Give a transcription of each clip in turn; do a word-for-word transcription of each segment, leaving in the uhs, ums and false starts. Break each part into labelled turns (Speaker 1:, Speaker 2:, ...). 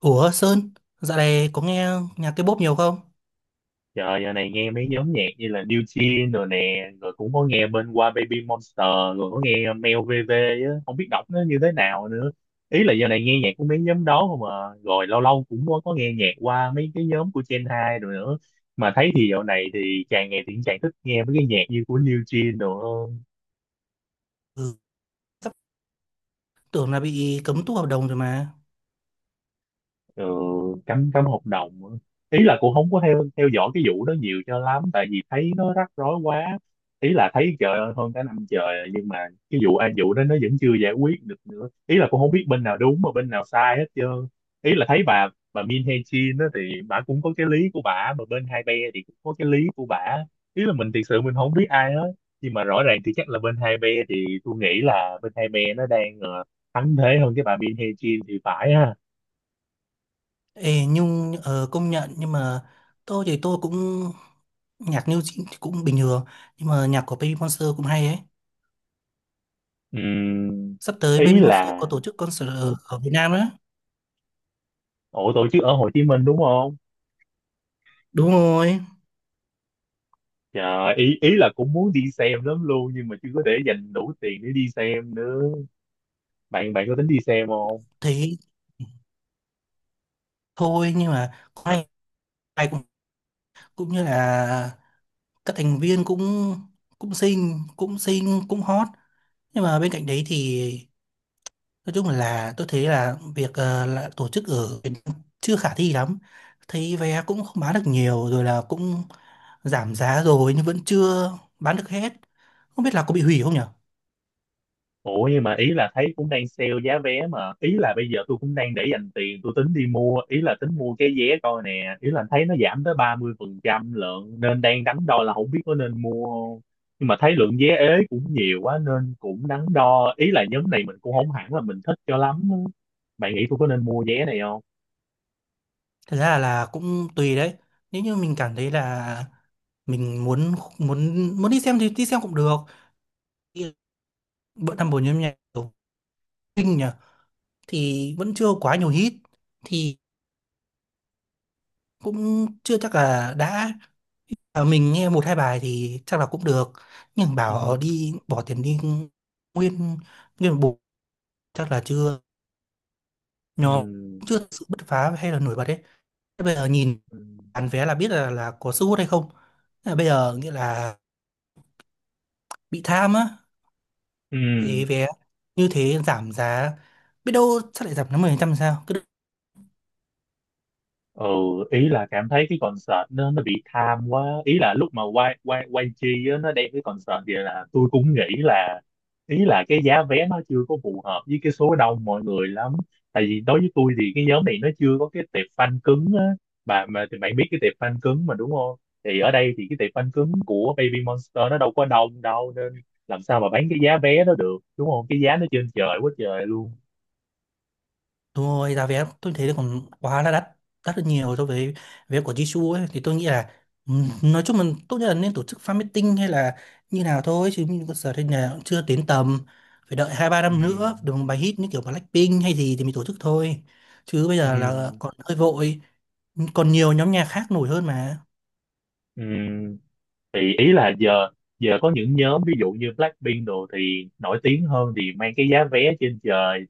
Speaker 1: Ủa Sơn, dạo này có nghe nhạc K-pop nhiều không?
Speaker 2: Trời giờ này nghe mấy nhóm nhạc như là New Jeans rồi nè, rồi cũng có nghe bên qua Baby Monster, rồi có nghe Mel vê vê á, không biết đọc nó như thế nào nữa. Ý là giờ này nghe nhạc của mấy nhóm đó không à, rồi lâu lâu cũng có, có nghe nhạc qua mấy cái nhóm của Gen hai rồi nữa. Mà thấy thì dạo này thì càng ngày thì càng thích nghe mấy cái nhạc như của New Jeans rồi
Speaker 1: Ừ, sắp tưởng là bị cấm tu hợp đồng rồi mà.
Speaker 2: ừ, cấm cấm hợp đồng á. Ý là cũng không có theo theo dõi cái vụ đó nhiều cho lắm tại vì thấy nó rắc rối quá, ý là thấy trời ơi hơn cả năm trời rồi, nhưng mà cái vụ ai vụ đó nó vẫn chưa giải quyết được nữa, ý là cũng không biết bên nào đúng mà bên nào sai hết trơn. Ý là thấy bà bà Min Hee Jin đó thì bà cũng có cái lý của bà, mà bên hai be thì cũng có cái lý của bà. Ý là mình thực sự mình không biết ai hết, nhưng mà rõ ràng thì chắc là bên hai be, thì tôi nghĩ là bên hai be nó đang ờ, thắng thế hơn cái bà Min Hee Jin thì phải ha.
Speaker 1: Ê, nhưng ờ, công nhận nhưng mà tôi thì tôi cũng nhạc New Jeans thì cũng bình thường, nhưng mà nhạc của Baby Monster cũng hay ấy.
Speaker 2: Ừm,
Speaker 1: Sắp tới
Speaker 2: ý
Speaker 1: Baby Monster có
Speaker 2: là
Speaker 1: tổ chức concert ở, ở Việt Nam đó.
Speaker 2: ủa tổ chức ở Hồ Chí Minh đúng không?
Speaker 1: Đúng rồi.
Speaker 2: Trời, ý ý là cũng muốn đi xem lắm luôn nhưng mà chưa có để dành đủ tiền để đi xem nữa. Bạn bạn có tính đi xem không?
Speaker 1: Thấy thôi nhưng mà cũng
Speaker 2: À,
Speaker 1: hay hay cũng, cũng như là các thành viên cũng cũng xinh cũng xinh cũng hot nhưng mà bên cạnh đấy thì nói chung là tôi thấy là việc ờ, là tổ chức ở Việt Nam chưa khả thi lắm. Thấy vé cũng không bán được nhiều rồi là cũng giảm giá rồi nhưng vẫn chưa bán được hết. Không biết là có bị hủy không nhở.
Speaker 2: ủa nhưng mà ý là thấy cũng đang sale giá vé mà, ý là bây giờ tôi cũng đang để dành tiền, tôi tính đi mua, ý là tính mua cái vé coi nè, ý là thấy nó giảm tới ba mươi phần trăm lượng nên đang đắn đo là không biết có nên mua không, nhưng mà thấy lượng vé ế cũng nhiều quá nên cũng đắn đo, ý là nhóm này mình cũng không hẳn là mình thích cho lắm. Bạn nghĩ tôi có nên mua vé này không?
Speaker 1: Thật ra là cũng tùy đấy. Nếu như mình cảm thấy là mình muốn muốn muốn đi xem thì đi xem cũng được. Thì bữa năm bốn nhóm nhạc của Vinh nhỉ thì vẫn chưa quá nhiều hit thì cũng chưa chắc là đã. À, mình nghe một hai bài thì chắc là cũng được, nhưng
Speaker 2: Ừ.
Speaker 1: bảo ờ, đi bỏ tiền đi nguyên nguyên một bộ chắc là chưa,
Speaker 2: Ừ.
Speaker 1: nó chưa thực sự bứt phá hay là nổi bật đấy. Thế bây giờ nhìn
Speaker 2: Ừ.
Speaker 1: bán vé là biết là là có sức hút hay không. Thế là bây giờ nghĩa là bị tham á
Speaker 2: Ừ.
Speaker 1: về vé, như thế giảm giá biết đâu chắc lại giảm đến mười phần trăm sao.
Speaker 2: Ừ. Ý là cảm thấy cái concert nó nó bị tham quá, ý là lúc mà quay quay quay chi á, nó đem cái concert vậy là tôi cũng nghĩ là ý là cái giá vé nó chưa có phù hợp với cái số đông mọi người lắm, tại vì đối với tôi thì cái nhóm này nó chưa có cái tệp fan cứng á. Bà mà thì bạn biết cái tệp fan cứng mà đúng không? Thì ở đây thì cái tệp fan cứng của Baby Monster nó đâu có đông đâu, nên làm sao mà bán cái giá vé đó được đúng không, cái giá nó trên trời quá trời luôn.
Speaker 1: Đúng rồi, giá vé tôi thấy là còn quá là đắt, đắt hơn nhiều so với vé của Jisoo ấy. Thì tôi nghĩ là ừm, nói chung là tốt nhất là nên tổ chức fan meeting hay là như nào thôi. Chứ mình giờ đây là cũng chưa đến tầm, phải đợi hai ba năm
Speaker 2: Ừ.
Speaker 1: nữa, được một bài hit như kiểu Blackpink hay gì thì mình tổ chức thôi. Chứ bây giờ là
Speaker 2: Ừ.
Speaker 1: còn hơi vội, còn nhiều nhóm nhạc khác nổi hơn mà.
Speaker 2: Ừ. Thì ý là giờ giờ có những nhóm ví dụ như Blackpink đồ thì nổi tiếng hơn thì mang cái giá vé trên trời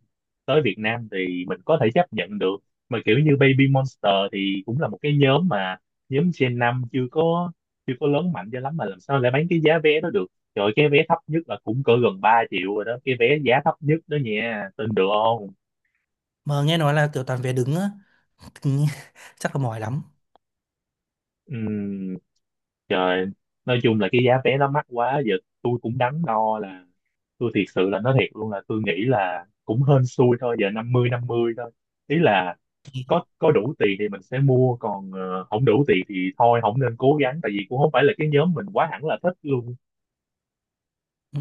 Speaker 2: tới Việt Nam thì mình có thể chấp nhận được. Mà kiểu như Baby Monster thì cũng là một cái nhóm mà nhóm Gen năm chưa có chưa có lớn mạnh cho lắm mà làm sao lại bán cái giá vé đó được. Trời ơi, cái vé thấp nhất là cũng cỡ gần ba triệu rồi đó, cái vé giá thấp nhất đó nha, tin được không?
Speaker 1: Mà nghe nói là kiểu toàn vé đứng á, chắc là mỏi lắm.
Speaker 2: Ừm, trời, nói chung là cái giá vé nó mắc quá giờ, tôi cũng đắn đo là tôi thiệt sự là nói thiệt luôn là tôi nghĩ là cũng hên xui thôi, giờ năm mươi năm mươi thôi. Ý là có có đủ tiền thì mình sẽ mua, còn ờ, không đủ tiền thì thôi không nên cố gắng, tại vì cũng không phải là cái nhóm mình quá hẳn là thích luôn.
Speaker 1: Ừ.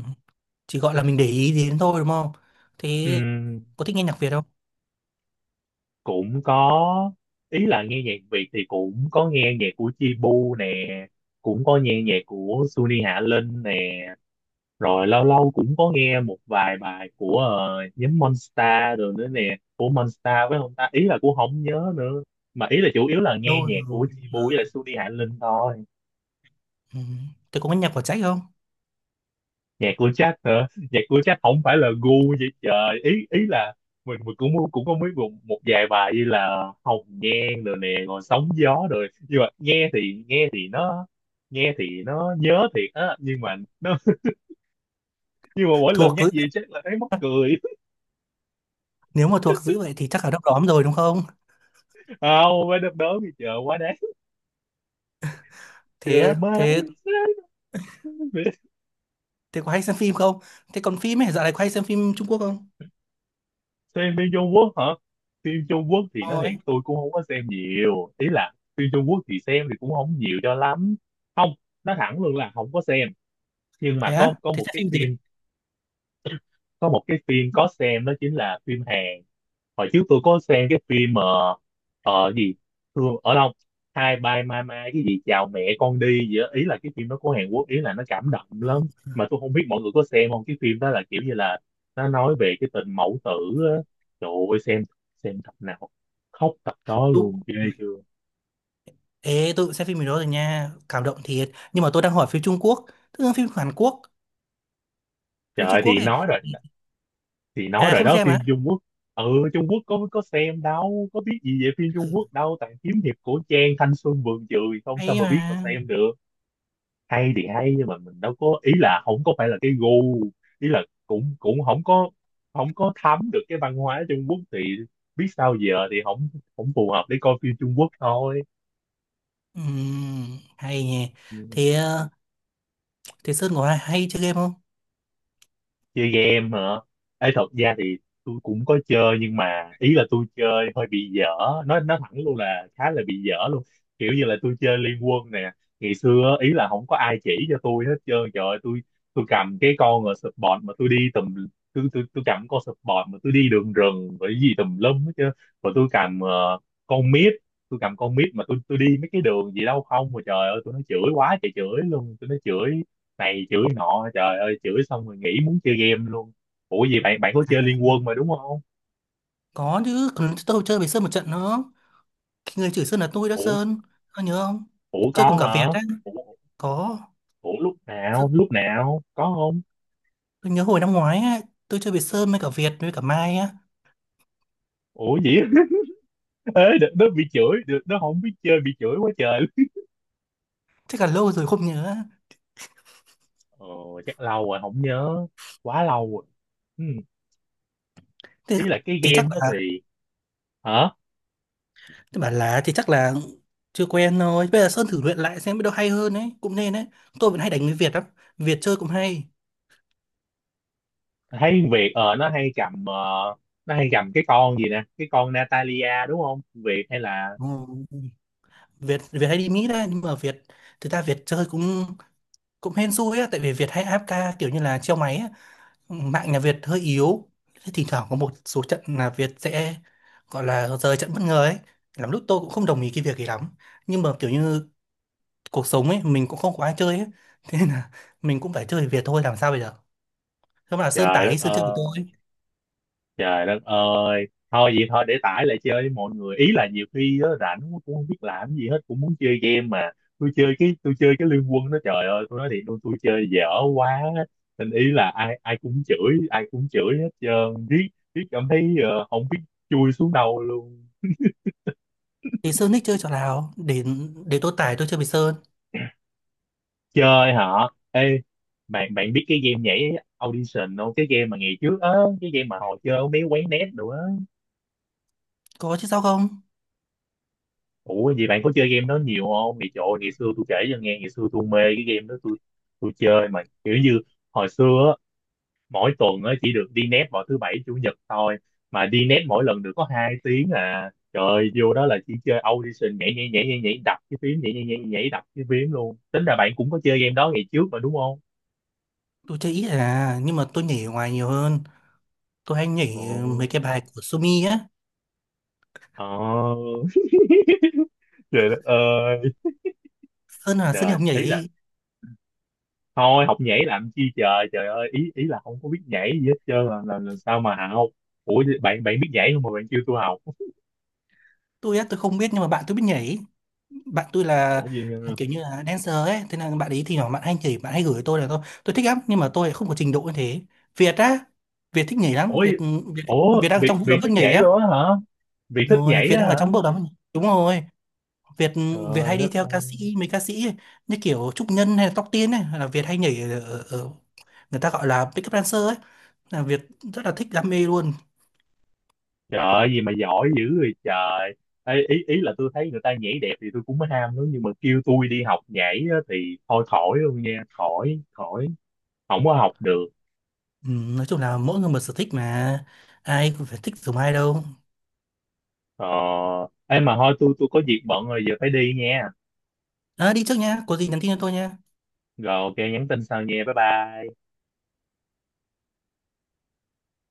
Speaker 1: Chỉ gọi là mình để ý đến thôi đúng không? Thế
Speaker 2: Ừm,
Speaker 1: có thích nghe nhạc Việt không?
Speaker 2: cũng có. Ý là nghe nhạc Việt thì cũng có nghe nhạc của Chibu nè, cũng có nghe nhạc của Suni Hạ Linh nè. Rồi lâu lâu cũng có nghe một vài bài của ờ, nhóm Monster rồi nữa nè, của Monster với ông ta, ý là cũng không nhớ nữa. Mà ý là chủ yếu là nghe
Speaker 1: Đâu
Speaker 2: nhạc của
Speaker 1: rồi.
Speaker 2: Chibu với lại Sudi Hạ Linh thôi.
Speaker 1: Ừ. Thế cũng có nhạc của Trách không?
Speaker 2: Nhạc của Jack hả? Nhạc của Jack không phải là gu vậy trời. Ý ý là mình, mình cũng cũng có mấy một, một vài bài như là Hồng Nhan rồi nè, rồi Sóng Gió rồi. Nhưng mà nghe thì nghe thì nó nghe thì nó nhớ thiệt á, nhưng mà nó nhưng mà mỗi lần
Speaker 1: Thuộc
Speaker 2: nhắc
Speaker 1: dữ.
Speaker 2: gì chắc là thấy mắc cười.
Speaker 1: Nếu mà thuộc dữ vậy thì chắc là đom đóm rồi đúng không?
Speaker 2: Không phải đớp đớn gì trời quá đáng.
Speaker 1: Thế
Speaker 2: Trời
Speaker 1: á,
Speaker 2: má
Speaker 1: thế
Speaker 2: anh sát.
Speaker 1: thế có hay xem phim không? Thế còn phim ấy, dạo này có hay xem phim Trung Quốc không?
Speaker 2: Xem phim Trung Quốc hả? Phim Trung Quốc thì nói thiệt
Speaker 1: Ôi,
Speaker 2: tôi cũng không có xem nhiều, ý là phim Trung Quốc thì xem thì cũng không nhiều cho lắm. Không, nói thẳng luôn là không có xem, nhưng
Speaker 1: thế
Speaker 2: mà
Speaker 1: á,
Speaker 2: có có
Speaker 1: thế
Speaker 2: một
Speaker 1: xem
Speaker 2: cái
Speaker 1: phim gì?
Speaker 2: phim, có một cái phim có xem đó chính là phim Hàn. Hồi trước tôi có xem cái phim mà ờ gì, thương ở đâu, hai bye mai mai cái gì chào mẹ con đi gì đó. Ý là cái phim đó của Hàn Quốc, ý là nó cảm động
Speaker 1: Ừ.
Speaker 2: lắm, mà tôi không biết mọi người có xem không. Cái phim đó là kiểu như là nó nói về cái tình mẫu tử á. Trời ơi, xem xem tập nào khóc tập đó
Speaker 1: Tôi-
Speaker 2: luôn, ghê chưa.
Speaker 1: Ê, tôi cũng xem phim gì đó rồi nha, cảm động thiệt. Nhưng mà tôi đang hỏi phim Trung Quốc, tức là phim Hàn Quốc,
Speaker 2: Trời
Speaker 1: phim
Speaker 2: ơi,
Speaker 1: Trung
Speaker 2: thì
Speaker 1: Quốc ấy.
Speaker 2: nói rồi, thì nói
Speaker 1: À
Speaker 2: rồi
Speaker 1: không
Speaker 2: đó,
Speaker 1: xem á,
Speaker 2: phim Trung Quốc. Ừ. Trung Quốc có có xem đâu, có biết gì về phim Trung Quốc đâu, toàn kiếm hiệp cổ trang thanh xuân vườn trường không, sao
Speaker 1: hay
Speaker 2: mà biết mà
Speaker 1: mà.
Speaker 2: xem được. Hay thì hay nhưng mà mình đâu có, ý là không có phải là cái gu, ý là cũng cũng không có, không có thấm được cái văn hóa Trung Quốc thì biết sao giờ, thì không không phù hợp để coi phim Trung Quốc thôi.
Speaker 1: Ừm, hay nhỉ.
Speaker 2: Ừ.
Speaker 1: Thế ờ, thế Sơn có hay, hay chơi game không?
Speaker 2: Chơi game hả? Ấy thật ra thì tôi cũng có chơi nhưng mà ý là tôi chơi hơi bị dở, nói nói thẳng luôn là khá là bị dở luôn, kiểu như là tôi chơi Liên Quân nè. Ngày xưa ý là không có ai chỉ cho tôi hết trơn, trời ơi tôi tôi cầm cái con ở support mà tôi đi tùm, tôi tôi tôi cầm con support mà tôi đi đường rừng rồi cái gì tùm lum hết trơn. Rồi tôi cầm ờ, con mid, tôi cầm con mid mà tôi tôi đi mấy cái đường gì đâu không, mà trời ơi tôi nói chửi quá trời chửi luôn, tôi nói chửi này chửi nọ, trời ơi chửi xong rồi nghỉ muốn chơi game luôn. Ủa gì, bạn bạn có chơi Liên Quân mà đúng không?
Speaker 1: Có chứ, còn tôi chơi với Sơn một trận nữa. Cái người chửi Sơn là tôi đó
Speaker 2: Ủa.
Speaker 1: Sơn. Ông nhớ không?
Speaker 2: Ủa
Speaker 1: Chơi
Speaker 2: có
Speaker 1: cùng cả Việt
Speaker 2: hả?
Speaker 1: á.
Speaker 2: Ủa,
Speaker 1: Có.
Speaker 2: ủa lúc nào
Speaker 1: Sơn-
Speaker 2: lúc nào có không?
Speaker 1: Tôi nhớ hồi năm ngoái á. Tôi chơi với Sơn với cả Việt với cả Mai á.
Speaker 2: Ủa gì. Ê đ- nó bị chửi được, nó không biết chơi bị chửi quá trời luôn.
Speaker 1: Chắc là lâu rồi không nhớ.
Speaker 2: Ờ, chắc lâu rồi không nhớ, quá lâu rồi. Ừ.
Speaker 1: Thế
Speaker 2: Ý là cái
Speaker 1: thì chắc
Speaker 2: game đó
Speaker 1: là
Speaker 2: thì hả?
Speaker 1: tôi bảo là thì chắc là chưa quen thôi. Bây giờ Sơn thử luyện lại xem biết đâu hay hơn ấy. Cũng nên đấy. Tôi vẫn hay đánh với Việt lắm, Việt chơi cũng hay.
Speaker 2: Thấy Việt ờ nó hay cầm ờ, nó hay cầm cái con gì nè, cái con Natalia đúng không, Việt hay là
Speaker 1: Ừ. Việt Việt hay đi Mỹ đấy. Nhưng mà Việt thực ra Việt chơi cũng cũng hên xui á. Tại vì Việt hay a ép ca kiểu như là treo máy á, mạng nhà Việt hơi yếu, thế thỉnh thoảng có một số trận là Việt sẽ gọi là rời trận bất ngờ ấy, lắm lúc tôi cũng không đồng ý cái việc ấy lắm nhưng mà kiểu như cuộc sống ấy, mình cũng không có ai chơi ấy thế nên là mình cũng phải chơi với Việt thôi làm sao bây giờ. Thế mà là Sơn
Speaker 2: trời
Speaker 1: tải
Speaker 2: đất
Speaker 1: đi Sơn chơi với
Speaker 2: ơi.
Speaker 1: tôi,
Speaker 2: Trời đất ơi. Thôi vậy thôi để tải lại chơi với mọi người. Ý là nhiều khi á, rảnh quá cũng không biết làm gì hết, cũng muốn chơi game mà. Tôi chơi cái tôi chơi cái Liên Quân đó trời ơi, tôi nói thiệt luôn tôi chơi dở quá. Nên ý là ai ai cũng chửi, ai cũng chửi hết trơn. Riết riết cảm thấy ờ, không biết chui xuống đâu luôn.
Speaker 1: thì Sơn thích chơi trò nào để để tôi tải tôi chơi với Sơn.
Speaker 2: Chơi hả? Ê, bạn bạn biết cái game nhảy Audition không? Cái game mà ngày trước á, cái game mà hồi chơi ở mấy quán net nữa á.
Speaker 1: Có chứ sao không.
Speaker 2: Ủa vậy bạn có chơi game đó nhiều không? Ngày trời ơi, ngày xưa tôi kể cho nghe, ngày xưa tôi mê cái game đó, tôi tôi chơi mà kiểu như hồi xưa á, mỗi tuần á chỉ được đi net vào thứ bảy chủ nhật thôi, mà đi net mỗi lần được có hai tiếng à. Trời ơi, vô đó là chỉ chơi audition nhảy nhảy nhảy nhảy nhảy đập cái phím nhảy nhảy nhảy nhảy đập cái phím luôn. Tính ra bạn cũng có chơi game đó ngày trước mà đúng không?
Speaker 1: Tôi chơi ít à nhưng mà tôi nhảy ở ngoài nhiều hơn, tôi hay
Speaker 2: Ồ.
Speaker 1: nhảy mấy cái bài của Sumi á.
Speaker 2: Ồ. Trời đất ơi.
Speaker 1: Sơn là Sơn đi
Speaker 2: Trời,
Speaker 1: học
Speaker 2: ý là
Speaker 1: nhảy.
Speaker 2: thôi học nhảy làm chi trời, trời ơi ý ý là không có biết nhảy gì hết trơn, là, là, là sao mà học. Ủa bạn bạn biết nhảy không mà bạn kêu tôi học.
Speaker 1: Tôi á tôi không biết nhưng mà bạn tôi biết nhảy, bạn tôi là
Speaker 2: Ủa gì.
Speaker 1: là kiểu như là dancer ấy, thế là bạn ấy thì nhỏ bạn hay nhảy bạn hay gửi tôi là tôi tôi thích lắm nhưng mà tôi lại không có trình độ như thế. Việt á, Việt thích nhảy lắm.
Speaker 2: Ủa gì.
Speaker 1: Việt Việt,
Speaker 2: Ủa
Speaker 1: Việt đang
Speaker 2: việc
Speaker 1: trong vụ
Speaker 2: việc
Speaker 1: đấm bước
Speaker 2: thích nhảy
Speaker 1: nhảy á.
Speaker 2: luôn á hả? Việc
Speaker 1: Đúng
Speaker 2: thích
Speaker 1: rồi
Speaker 2: nhảy
Speaker 1: Việt
Speaker 2: á
Speaker 1: đang ở
Speaker 2: hả?
Speaker 1: trong bước đấm, đúng rồi. Việt Việt
Speaker 2: Trời
Speaker 1: hay đi
Speaker 2: đất
Speaker 1: theo
Speaker 2: ơi.
Speaker 1: ca sĩ, mấy ca sĩ ấy, như kiểu Trúc Nhân hay là Tóc Tiên ấy, là Việt hay nhảy ở, ở, ở người ta gọi là pick up dancer ấy, là Việt rất là thích đam mê luôn.
Speaker 2: Trời ơi, gì mà giỏi dữ rồi trời. Ê, ý ý là tôi thấy người ta nhảy đẹp thì tôi cũng mới ham lắm, nhưng mà kêu tôi đi học nhảy á, thì thôi khỏi luôn nha, khỏi khỏi không có học được.
Speaker 1: Ừ, nói chung là mỗi người một sở thích mà, ai cũng phải thích giống ai đâu.
Speaker 2: Ờ em mà thôi, tôi tôi có việc bận rồi giờ phải đi nha.
Speaker 1: À, đi trước nhá, có gì nhắn tin cho tôi nhá.
Speaker 2: Rồi ok nhắn tin sau nha. Bye bye.